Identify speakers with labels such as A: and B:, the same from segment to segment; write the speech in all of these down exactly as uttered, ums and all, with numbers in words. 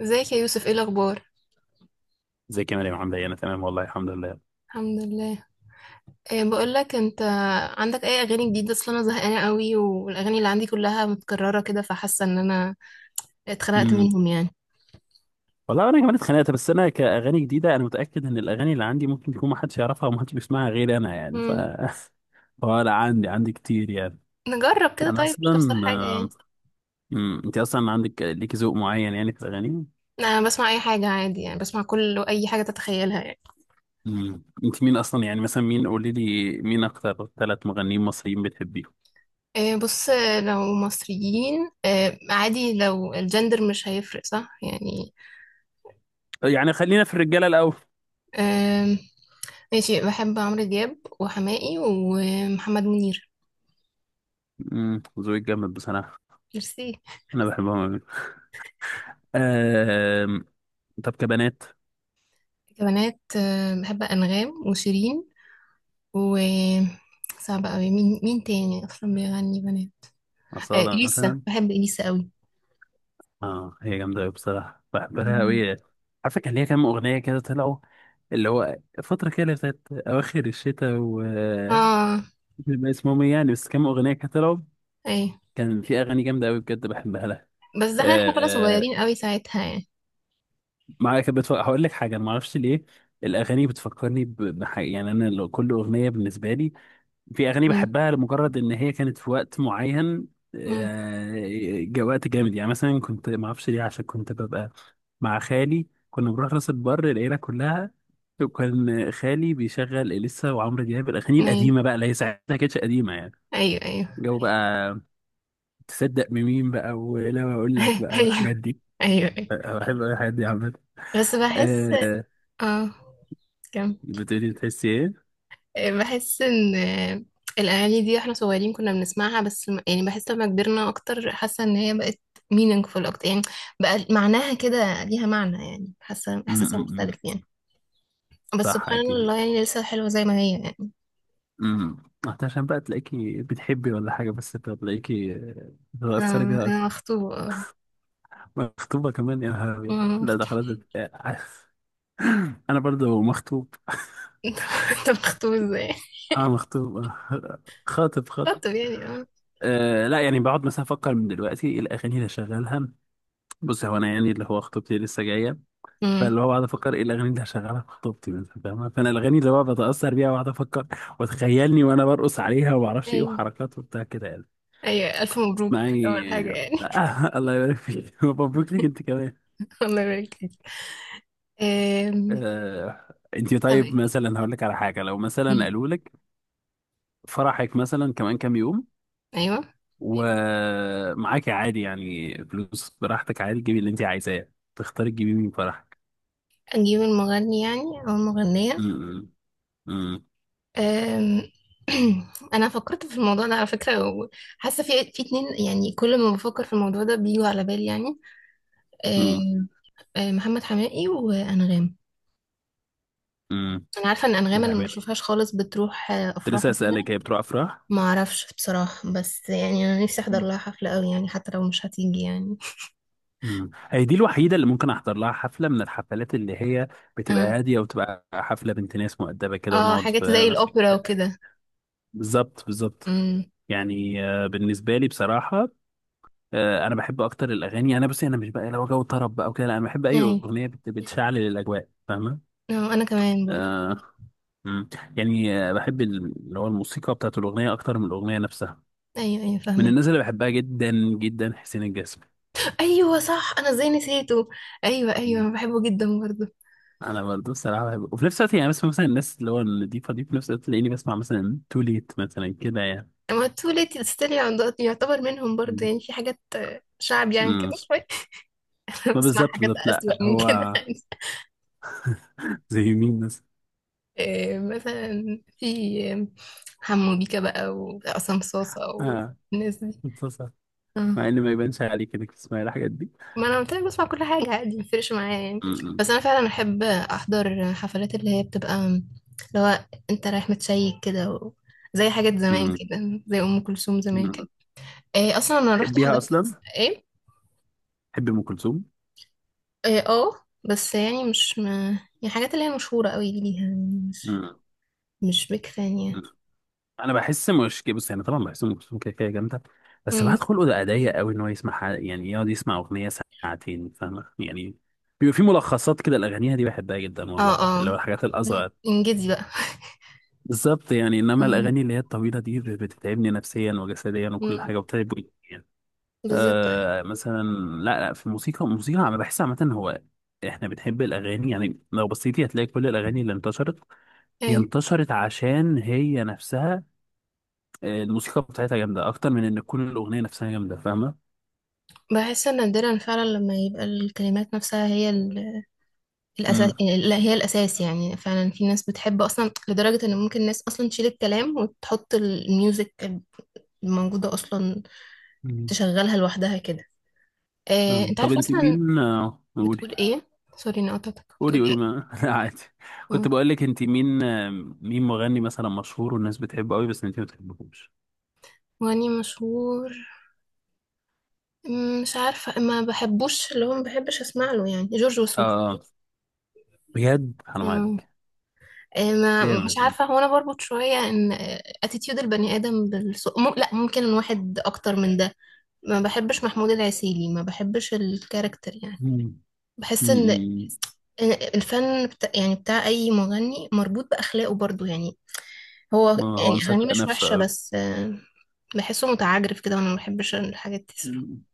A: ازيك يا يوسف، ايه الاخبار؟
B: زي كمان يا محمد، انا تمام والله الحمد لله.
A: الحمد لله. إيه، بقول لك انت، عندك اي اغاني جديده اصلا؟ انا زهقانه قوي، والاغاني اللي عندي كلها متكرره كده، فحاسه ان انا اتخنقت
B: امم
A: منهم يعني.
B: والله انا كمان اتخانقت، بس انا كاغاني جديده انا متاكد ان الاغاني اللي عندي ممكن يكون ما حدش يعرفها وما حدش بيسمعها غير انا، يعني ف
A: امم.
B: فلا عندي عندي كتير يعني.
A: نجرب كده
B: انا
A: طيب، مش تخسر
B: اصلا
A: حاجه يعني.
B: امم انت اصلا عندك ليك ذوق معين يعني في الاغاني؟
A: انا بسمع اي حاجه عادي يعني، بسمع كل اي حاجه تتخيلها يعني.
B: امم انت مين اصلا؟ يعني مثلا مين، قولي لي مين اكتر ثلاث مغنيين مصريين بتحبيهم؟
A: إيه، بص. لو مصريين إيه عادي، لو الجندر مش هيفرق صح يعني.
B: يعني خلينا في الرجاله الاول.
A: إيه. ماشي، بحب عمرو دياب وحماقي ومحمد منير.
B: امم ذوقك جامد بصراحه.
A: ميرسي.
B: انا بحبهم أوي. أم... طب كبنات؟
A: كمانات آه، بحب أنغام وشيرين. و صعب قوي، مين مين تاني أصلا بيغني بنات؟ آه
B: أصالة
A: إليسا،
B: مثلا.
A: بحب إليسا قوي.
B: اه، هي جامدة أوي بصراحة، بحبها
A: مم.
B: أوي. عارفة كان ليها كام أغنية كده طلعوا، اللي هو فترة كده اللي بتاعت أواخر الشتاء و
A: اه.
B: بيبقى اسمهم إيه يعني، بس كام أغنية كده طلعوا.
A: أي.
B: كان في أغاني جامدة أوي بجد بحبها لها.
A: بس ده احنا كنا
B: آه
A: صغيرين قوي ساعتها يعني.
B: معايا كانت بتف... هقول لك حاجة، أنا معرفش ليه الأغاني بتفكرني ب- بحاجة، يعني أنا لو كل أغنية بالنسبة لي، في اغاني
A: مم.
B: بحبها لمجرد ان هي كانت في وقت معين.
A: مم.
B: آه، جا- وقت جامد يعني، مثلا كنت ما اعرفش ليه، عشان كنت ببقى مع خالي، كنا بنروح راس البر العيله كلها، وكان خالي بيشغل اليسا وعمرو دياب، الاغاني
A: أي.
B: القديمه بقى اللي هي ساعتها ما كانتش قديمه يعني.
A: أيوه أيوه.
B: جو بقى. تصدق بمين بقى، ولا ما اقول لك بقى
A: أيوه
B: والحاجات دي؟
A: أيوه. أيوه.
B: أه، بحب أوي الحاجات دي عامه.
A: بس بحس.
B: آه،
A: اه، كمل.
B: بتقولي تحسي ايه؟
A: بحس ان الاغاني دي واحنا صغيرين كنا بنسمعها، بس م- يعني بحس لما كبرنا اكتر، حاسه ان هي بقت meaningful اكتر يعني، بقى معناها كده، ليها معنى يعني، حاسه
B: م-
A: احساسها
B: م- م.
A: مختلف يعني. بس
B: صح
A: سبحان
B: اكيد.
A: الله يعني، لسه حلوه زي ما هي يعني.
B: امم عشان بقى تلاقيكي بتحبي ولا حاجة، بس انت تلاقيكي
A: آه،
B: بتتأثري بيها
A: انا
B: أكتر.
A: مخطوبه آه.
B: مخطوبة كمان؟ يا نهار أبيض،
A: أنا
B: لا ده
A: مخطوبة.
B: خلاص. آه، أنا برضو مخطوب
A: انت مخطوب ازاي؟
B: أنا مخطوب، آه، خاطب خاطب.
A: خطب يعني، اه.
B: أه لا، يعني بقعد مثلا أفكر من دلوقتي إيه الأغاني اللي هشغلها. بص، هو أنا يعني اللي هو خطوبتي لسه جاية،
A: أمم.
B: فاللي هو بقعد أفكر إيه الأغاني اللي هشغلها في خطوبتي مثلا، فاهمة؟ فأنا الأغاني اللي هو بتأثر بيها، وأقعد أفكر وتخيلني وأنا برقص عليها وما أعرفش إيه
A: ايوه.
B: وحركات وبتاع كده يعني.
A: ايوه الف مبروك، اول
B: معي.
A: حاجه يعني.
B: آه الله يبارك فيك مبروك ليك انت كمان.
A: الله يبارك فيك. آم،
B: آه انت
A: طب.
B: طيب مثلا، هقول لك على حاجه، لو مثلا
A: أمم.
B: قالوا لك فرحك مثلا كمان كام يوم،
A: ايوه.
B: ومعاك عادي يعني فلوس براحتك، عادي تجيبي اللي انت عايزاه، تختاري تجيبي مين فرحك؟
A: اجيب المغني يعني، او المغنيه؟
B: امم امم
A: أم، انا فكرت في الموضوع ده على فكره، وحاسه في في اتنين يعني، كل ما بفكر في الموضوع ده بيجوا على بالي يعني.
B: امم
A: أم، أم، محمد حماقي وانغام.
B: امم
A: انا عارفه ان
B: يا
A: انغام انا ما
B: لهوي،
A: بشوفهاش خالص، بتروح آه،
B: كنت لسه
A: افراح وكده.
B: اسالك هي بتروح افراح.
A: ما اعرفش بصراحه، بس يعني انا نفسي احضر لها حفله قوي يعني، حتى لو مش هتيجي يعني.
B: مم، هي دي الوحيده اللي ممكن احضر لها حفله، من الحفلات اللي هي بتبقى
A: اه.
B: هاديه وتبقى حفله بنت ناس مؤدبه كده
A: آه،
B: ونقعد في.
A: حاجات زي الاوبرا وكده.
B: بالظبط بالظبط.
A: امم.
B: يعني آه، بالنسبه لي بصراحه، آه، انا بحب اكتر الاغاني، انا بصي انا مش بقى لو جو طرب بقى وكده لا، انا بحب اي
A: يعني
B: اغنيه بت- بتشعل الاجواء، فاهمه؟
A: آه، انا كمان برضه.
B: آه مم. يعني آه، بحب ال- اللي هو الموسيقى بتاعت الاغنيه اكتر من الاغنيه نفسها.
A: ايوه ايوه
B: من
A: فاهمك.
B: الناس اللي بحبها جدا جدا حسين الجسمي.
A: ايوه صح، انا ازاي نسيته؟ ايوه ايوه
B: مم.
A: انا بحبه جدا برضه.
B: انا برضه الصراحه بحب، وفي نفس الوقت يعني بسمع مثلا الناس اللي هو النضيفه دي، في نفس الوقت تلاقيني بسمع مثلا تو ليت مثلا كده يعني.
A: ما التوليت ستيل يعتبر منهم برضه،
B: مم.
A: يعني في حاجات آه، شعب يعني كده
B: مم.
A: شوية. أنا
B: ما
A: بسمع
B: بالظبط
A: حاجات
B: بالظبط، لا
A: أسوأ من
B: هو
A: كده يعني.
B: زي مين مثلا؟
A: إيه، مثلا في آه، حمو بيكا بقى وعصام صاصة
B: اه،
A: والناس دي.
B: اتفضل.
A: آه.
B: مع ان ما يبانش عليك انك تسمعي الحاجات دي.
A: ما أنا قلت لك بسمع كل حاجة عادي، مفرقش معايا يعني.
B: مم.
A: بس أنا فعلا أحب أحضر حفلات اللي هي بتبقى اللي هو أنت رايح متشيك كده، و زي حاجات زمان
B: مم.
A: كده، زي أم كلثوم زمان كده.
B: مم.
A: إيه أصلا أنا رحت
B: تحبيها
A: حضرت.
B: اصلا؟
A: إيه.
B: تحب ام كلثوم؟
A: اه، آه، بس يعني مش م... يعني الحاجات اللي هي مشهورة قوي دي ليها يعني، مش
B: مم.
A: مش بيك فان
B: مم.
A: يعني.
B: انا بحس مش كده. بص يعني طبعا بحس ام كلثوم كده كده جامده، بس
A: مم.
B: بعد خلقه ده ضيق قوي ان هو يسمع ح- يعني يقعد يسمع اغنيه ساعتين، فاهمه يعني؟ بيبقى في ملخصات كده الاغانيها دي بحبها جدا
A: اه.
B: والله، اللي
A: اه.
B: هو الحاجات
A: لا،
B: الاصغر.
A: انجزي بقى.
B: بالظبط يعني، انما
A: آه.
B: الاغاني اللي هي الطويله دي ب- بتتعبني نفسيا وجسديا
A: مم.
B: وكل حاجه وبتتعب.
A: بالظبط ايوه.
B: آه مثلا، لا لا، في الموسيقى الموسيقى، انا بحس عامه هو احنا بنحب الاغاني، يعني لو بصيتي هتلاقي كل الاغاني اللي انتشرت، هي
A: أيوة.
B: انتشرت عشان هي نفسها آه، الموسيقى بتاعتها جامده اكتر من ان تكون الاغنيه نفسها جامده، فاهمه؟
A: بحس ان نادرا فعلا لما يبقى الكلمات نفسها هي ال- الاساس.
B: امم
A: لا هي الاساس يعني، فعلا في ناس بتحب اصلا لدرجة ان ممكن الناس اصلا تشيل الكلام وتحط الميوزك الموجودة اصلا،
B: مم.
A: تشغلها لوحدها كده. آه،
B: فاهم.
A: انت
B: طب
A: عارف
B: انت
A: اصلا،
B: مين آه، قولي.
A: بتقول ايه؟ سوري اني قطعتك، بتقول.
B: قولي قولي ما لا عادي. كنت
A: ايه؟
B: بقول لك انت مين، آه، مين مغني مثلا مشهور والناس بتحبه قوي بس انت ما بتحبهوش؟
A: واني مشهور؟ مم، مش عارفة. ما بحبوش اللي هو ما بحبش اسمع له يعني جورج
B: اه.
A: وسوف.
B: آه. بجد حرام
A: مم.
B: عليك،
A: آه، ما مش
B: جامد.
A: عارفة، هو انا بربط شوية ان اتيتيود البني ادم بالسوق م... لا ممكن الواحد اكتر من ده. ما بحبش محمود العسيلي، ما بحبش الكاركتر يعني.
B: مم.
A: بحس ان
B: مم.
A: إن الفن بتاع يعني بتاع اي مغني مربوط باخلاقه برضو يعني. هو
B: هو
A: يعني اغانيه
B: مصدق
A: مش وحشة،
B: نفسه.
A: بس آه، بحسه متعجرف كده، وانا ما بحبش الحاجات دي صراحة.
B: امم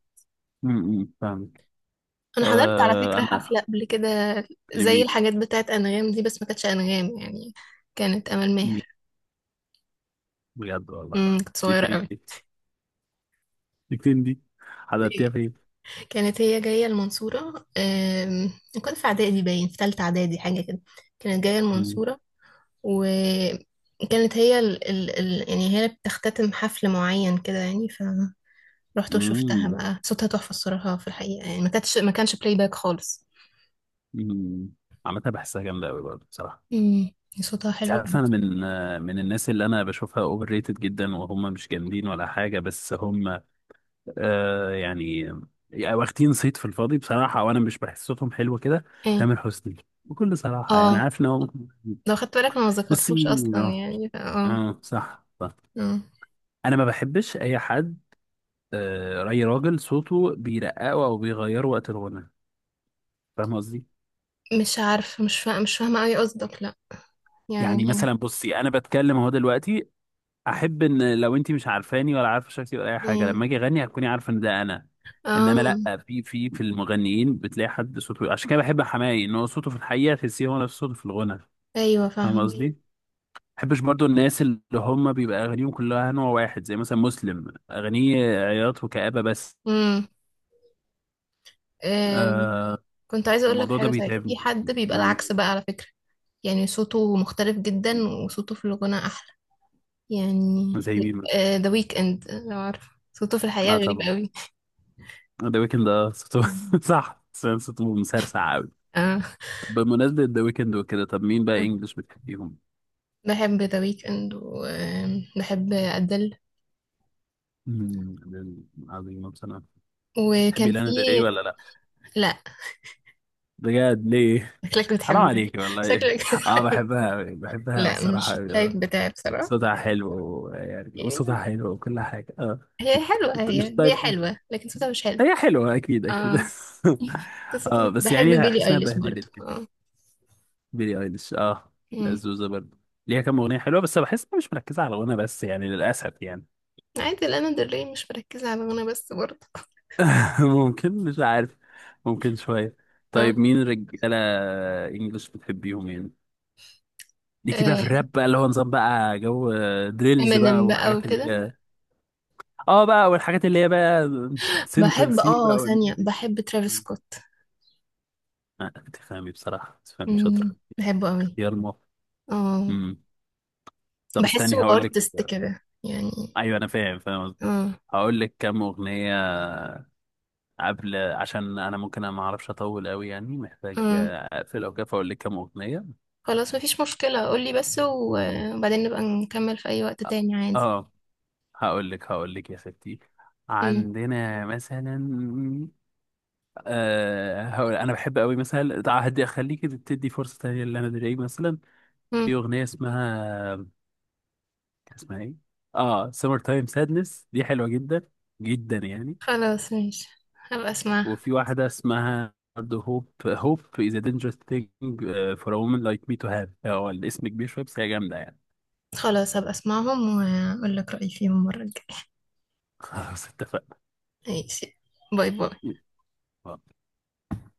B: فاهمك.
A: انا حضرت على
B: آه،
A: فكرة
B: انا
A: حفلة قبل كده، زي
B: لمين؟
A: الحاجات بتاعت انغام دي، بس ما كانتش انغام يعني، كانت امل
B: مم.
A: ماهر.
B: بجد والله؟
A: امم كنت
B: دي
A: صغيرة
B: فين
A: قوي.
B: دي دي فين دي حضرتيها فين؟
A: كانت هي جاية المنصورة. أم، كنت في اعدادي، باين في تالتة اعدادي حاجة كده، كانت جاية
B: امم
A: المنصورة. وكانت هي ال... ال... ال... يعني هي اللي بتختتم حفل معين كده يعني. فروحت وشفتها
B: امم
A: بقى، صوتها تحفة الصراحة في الحقيقة يعني، ما كانتش ما كانش بلاي باك خالص.
B: أمم، عامة بحسها جامدة أوي برضه بصراحة.
A: امم. صوتها
B: أنت
A: حلو.
B: عارف أنا من آه، من الناس اللي أنا بشوفها أوفر ريتد جدا، وهم مش جامدين ولا حاجة، بس هم آه يعني يعني واخدين صيت في الفاضي بصراحة، وأنا مش بحس صوتهم حلو كده.
A: اه.
B: تامر حسني، بكل صراحة يعني،
A: اه،
B: عارف إن هو.
A: لو خدت بالك انا ما
B: بصي،
A: ذكرتوش اصلا
B: آه
A: يعني ف- اه.
B: آه، صح صح.
A: اه.
B: انا ما بحبش اي حد آه، اي راجل صوته بيرققه او بيغيره وقت الغنى، فاهم قصدي؟
A: مش عارفه، مش فاهمه مش فاهمه قوي قصدك، لا.
B: يعني
A: يعني.
B: مثلا بصي، انا بتكلم اهو دلوقتي، احب ان لو انت مش عارفاني ولا عارفه شكلي ولا اي حاجه،
A: ايه؟
B: لما اجي اغني هتكوني عارفه ان ده انا. انما
A: اه
B: لا، في في في المغنيين بتلاقي حد صوته، عشان كده بحب حماقي، ان هو صوته في الحقيقه تحسيه هو نفس صوته في الغنى،
A: ايوه
B: فاهم؟ مم.
A: فاهمه.
B: قصدي ما بحبش برضو الناس اللي هم بيبقى اغانيهم كلها نوع واحد، زي مثلا مسلم، اغانيه عياط وكآبة بس.
A: امم. آم،
B: آه،
A: كنت عايزه اقول لك
B: الموضوع ده
A: حاجه، صحيح في
B: بيتعبني.
A: حد بيبقى العكس بقى على فكره، يعني صوته مختلف جدا، وصوته في الغنى احلى يعني.
B: زي مين مثلا؟
A: ذا ويك اند، لو عارف، صوته في الحقيقه
B: اه
A: غريب
B: طبعا،
A: قوي.
B: ذا ويكند، اه صوته صح سام، صوته مسرسع قوي.
A: اه.
B: طب بمناسبة ذا ويكند وكده، طب مين بقى انجلش بتحبيهم؟
A: بحب ذا ويك اند وبحب ادل.
B: مم، دول عظيم بصراحة. تحبي
A: وكان في.
B: لانا ديل ري ولا لا؟
A: لا.
B: بجد ليه؟
A: شكلك
B: حرام
A: بتحبها.
B: عليكي والله.
A: شكلك
B: اه
A: بتحب.
B: بحبها أوي، بحبها
A: لا مش
B: بصراحة أوي، آه.
A: التايب بتاعي بصراحة،
B: صوتها حلو يعني،
A: يعني.
B: وصوتها حلو وكل حاجة اه.
A: هي حلوة، هي
B: مش
A: هي
B: طيب،
A: حلوة، لكن صوتها مش حلو.
B: هي حلوة أكيد أكيد
A: اه.
B: اه
A: قصتها
B: بس
A: بحب
B: يعني
A: بيلي
B: أحس إنها
A: ايليش برضه،
B: بهدلت كده.
A: اه.
B: بيلي ايليش اه،
A: مم.
B: الزوزة برضه، ليها كام اغنيه حلوه بس بحس إنها مش مركزه على غنى بس، يعني للاسف يعني.
A: عادي، لانا دل ري مش مركزة على غنى بس برضه.
B: ممكن، مش عارف، ممكن شويه.
A: اه.
B: طيب مين رجاله انجلش بتحبيهم يعني؟ ليكي بقى في
A: آه،
B: الراب بقى اللي هو نظام بقى، جو آه، دريلز بقى،
A: امينيم بقى
B: وحاجات اللي
A: وكده.
B: هي اه بقى، والحاجات اللي هي بقى سنترال
A: بحب
B: سي بقى
A: اه،
B: والناس
A: ثانية،
B: دي.
A: بحب ترافيس
B: مم.
A: سكوت.
B: آه، تفهمي بصراحه، تفهمي شاطر.
A: مم، بحبه قوي.
B: اختيار موفق
A: اه.
B: امم طب استني
A: بحسه
B: هقول لك.
A: ارتست كده يعني.
B: ايوه انا فاهم فاهم قصدك.
A: اه.
B: هقول لك كام اغنيه قبل، عشان انا ممكن انا ما اعرفش اطول قوي يعني، محتاج
A: اه.
B: آه، اقفل او كده، فاقول لك كام اغنيه.
A: خلاص مفيش مشكلة، قولي بس و- وبعدين نبقى نكمل في أي وقت تاني عادي.
B: اه، هقول لك هقول لك يا ستي.
A: مم.
B: عندنا مثلا آه هقول انا بحب قوي مثلا، تع- هدي اخليك تدي فرصه تانيه لانا دري مثلا. في
A: مم.
B: اغنيه اسمها، كان اسمها ايه، اه سمر تايم سادنس، دي حلوه جدا جدا يعني.
A: خلاص ماشي، هبقى اسمعها.
B: وفي واحده اسمها برضه هوب هوب is a dangerous thing آه، for a woman like me to have، آه، هو الاسم كبير شويه بس هي جامده يعني.
A: خلاص هبقى اسمعهم واقول لك رأيي فيهم المرة الجاية.
B: خلاص
A: ماشي. باي باي.
B: اتفقنا.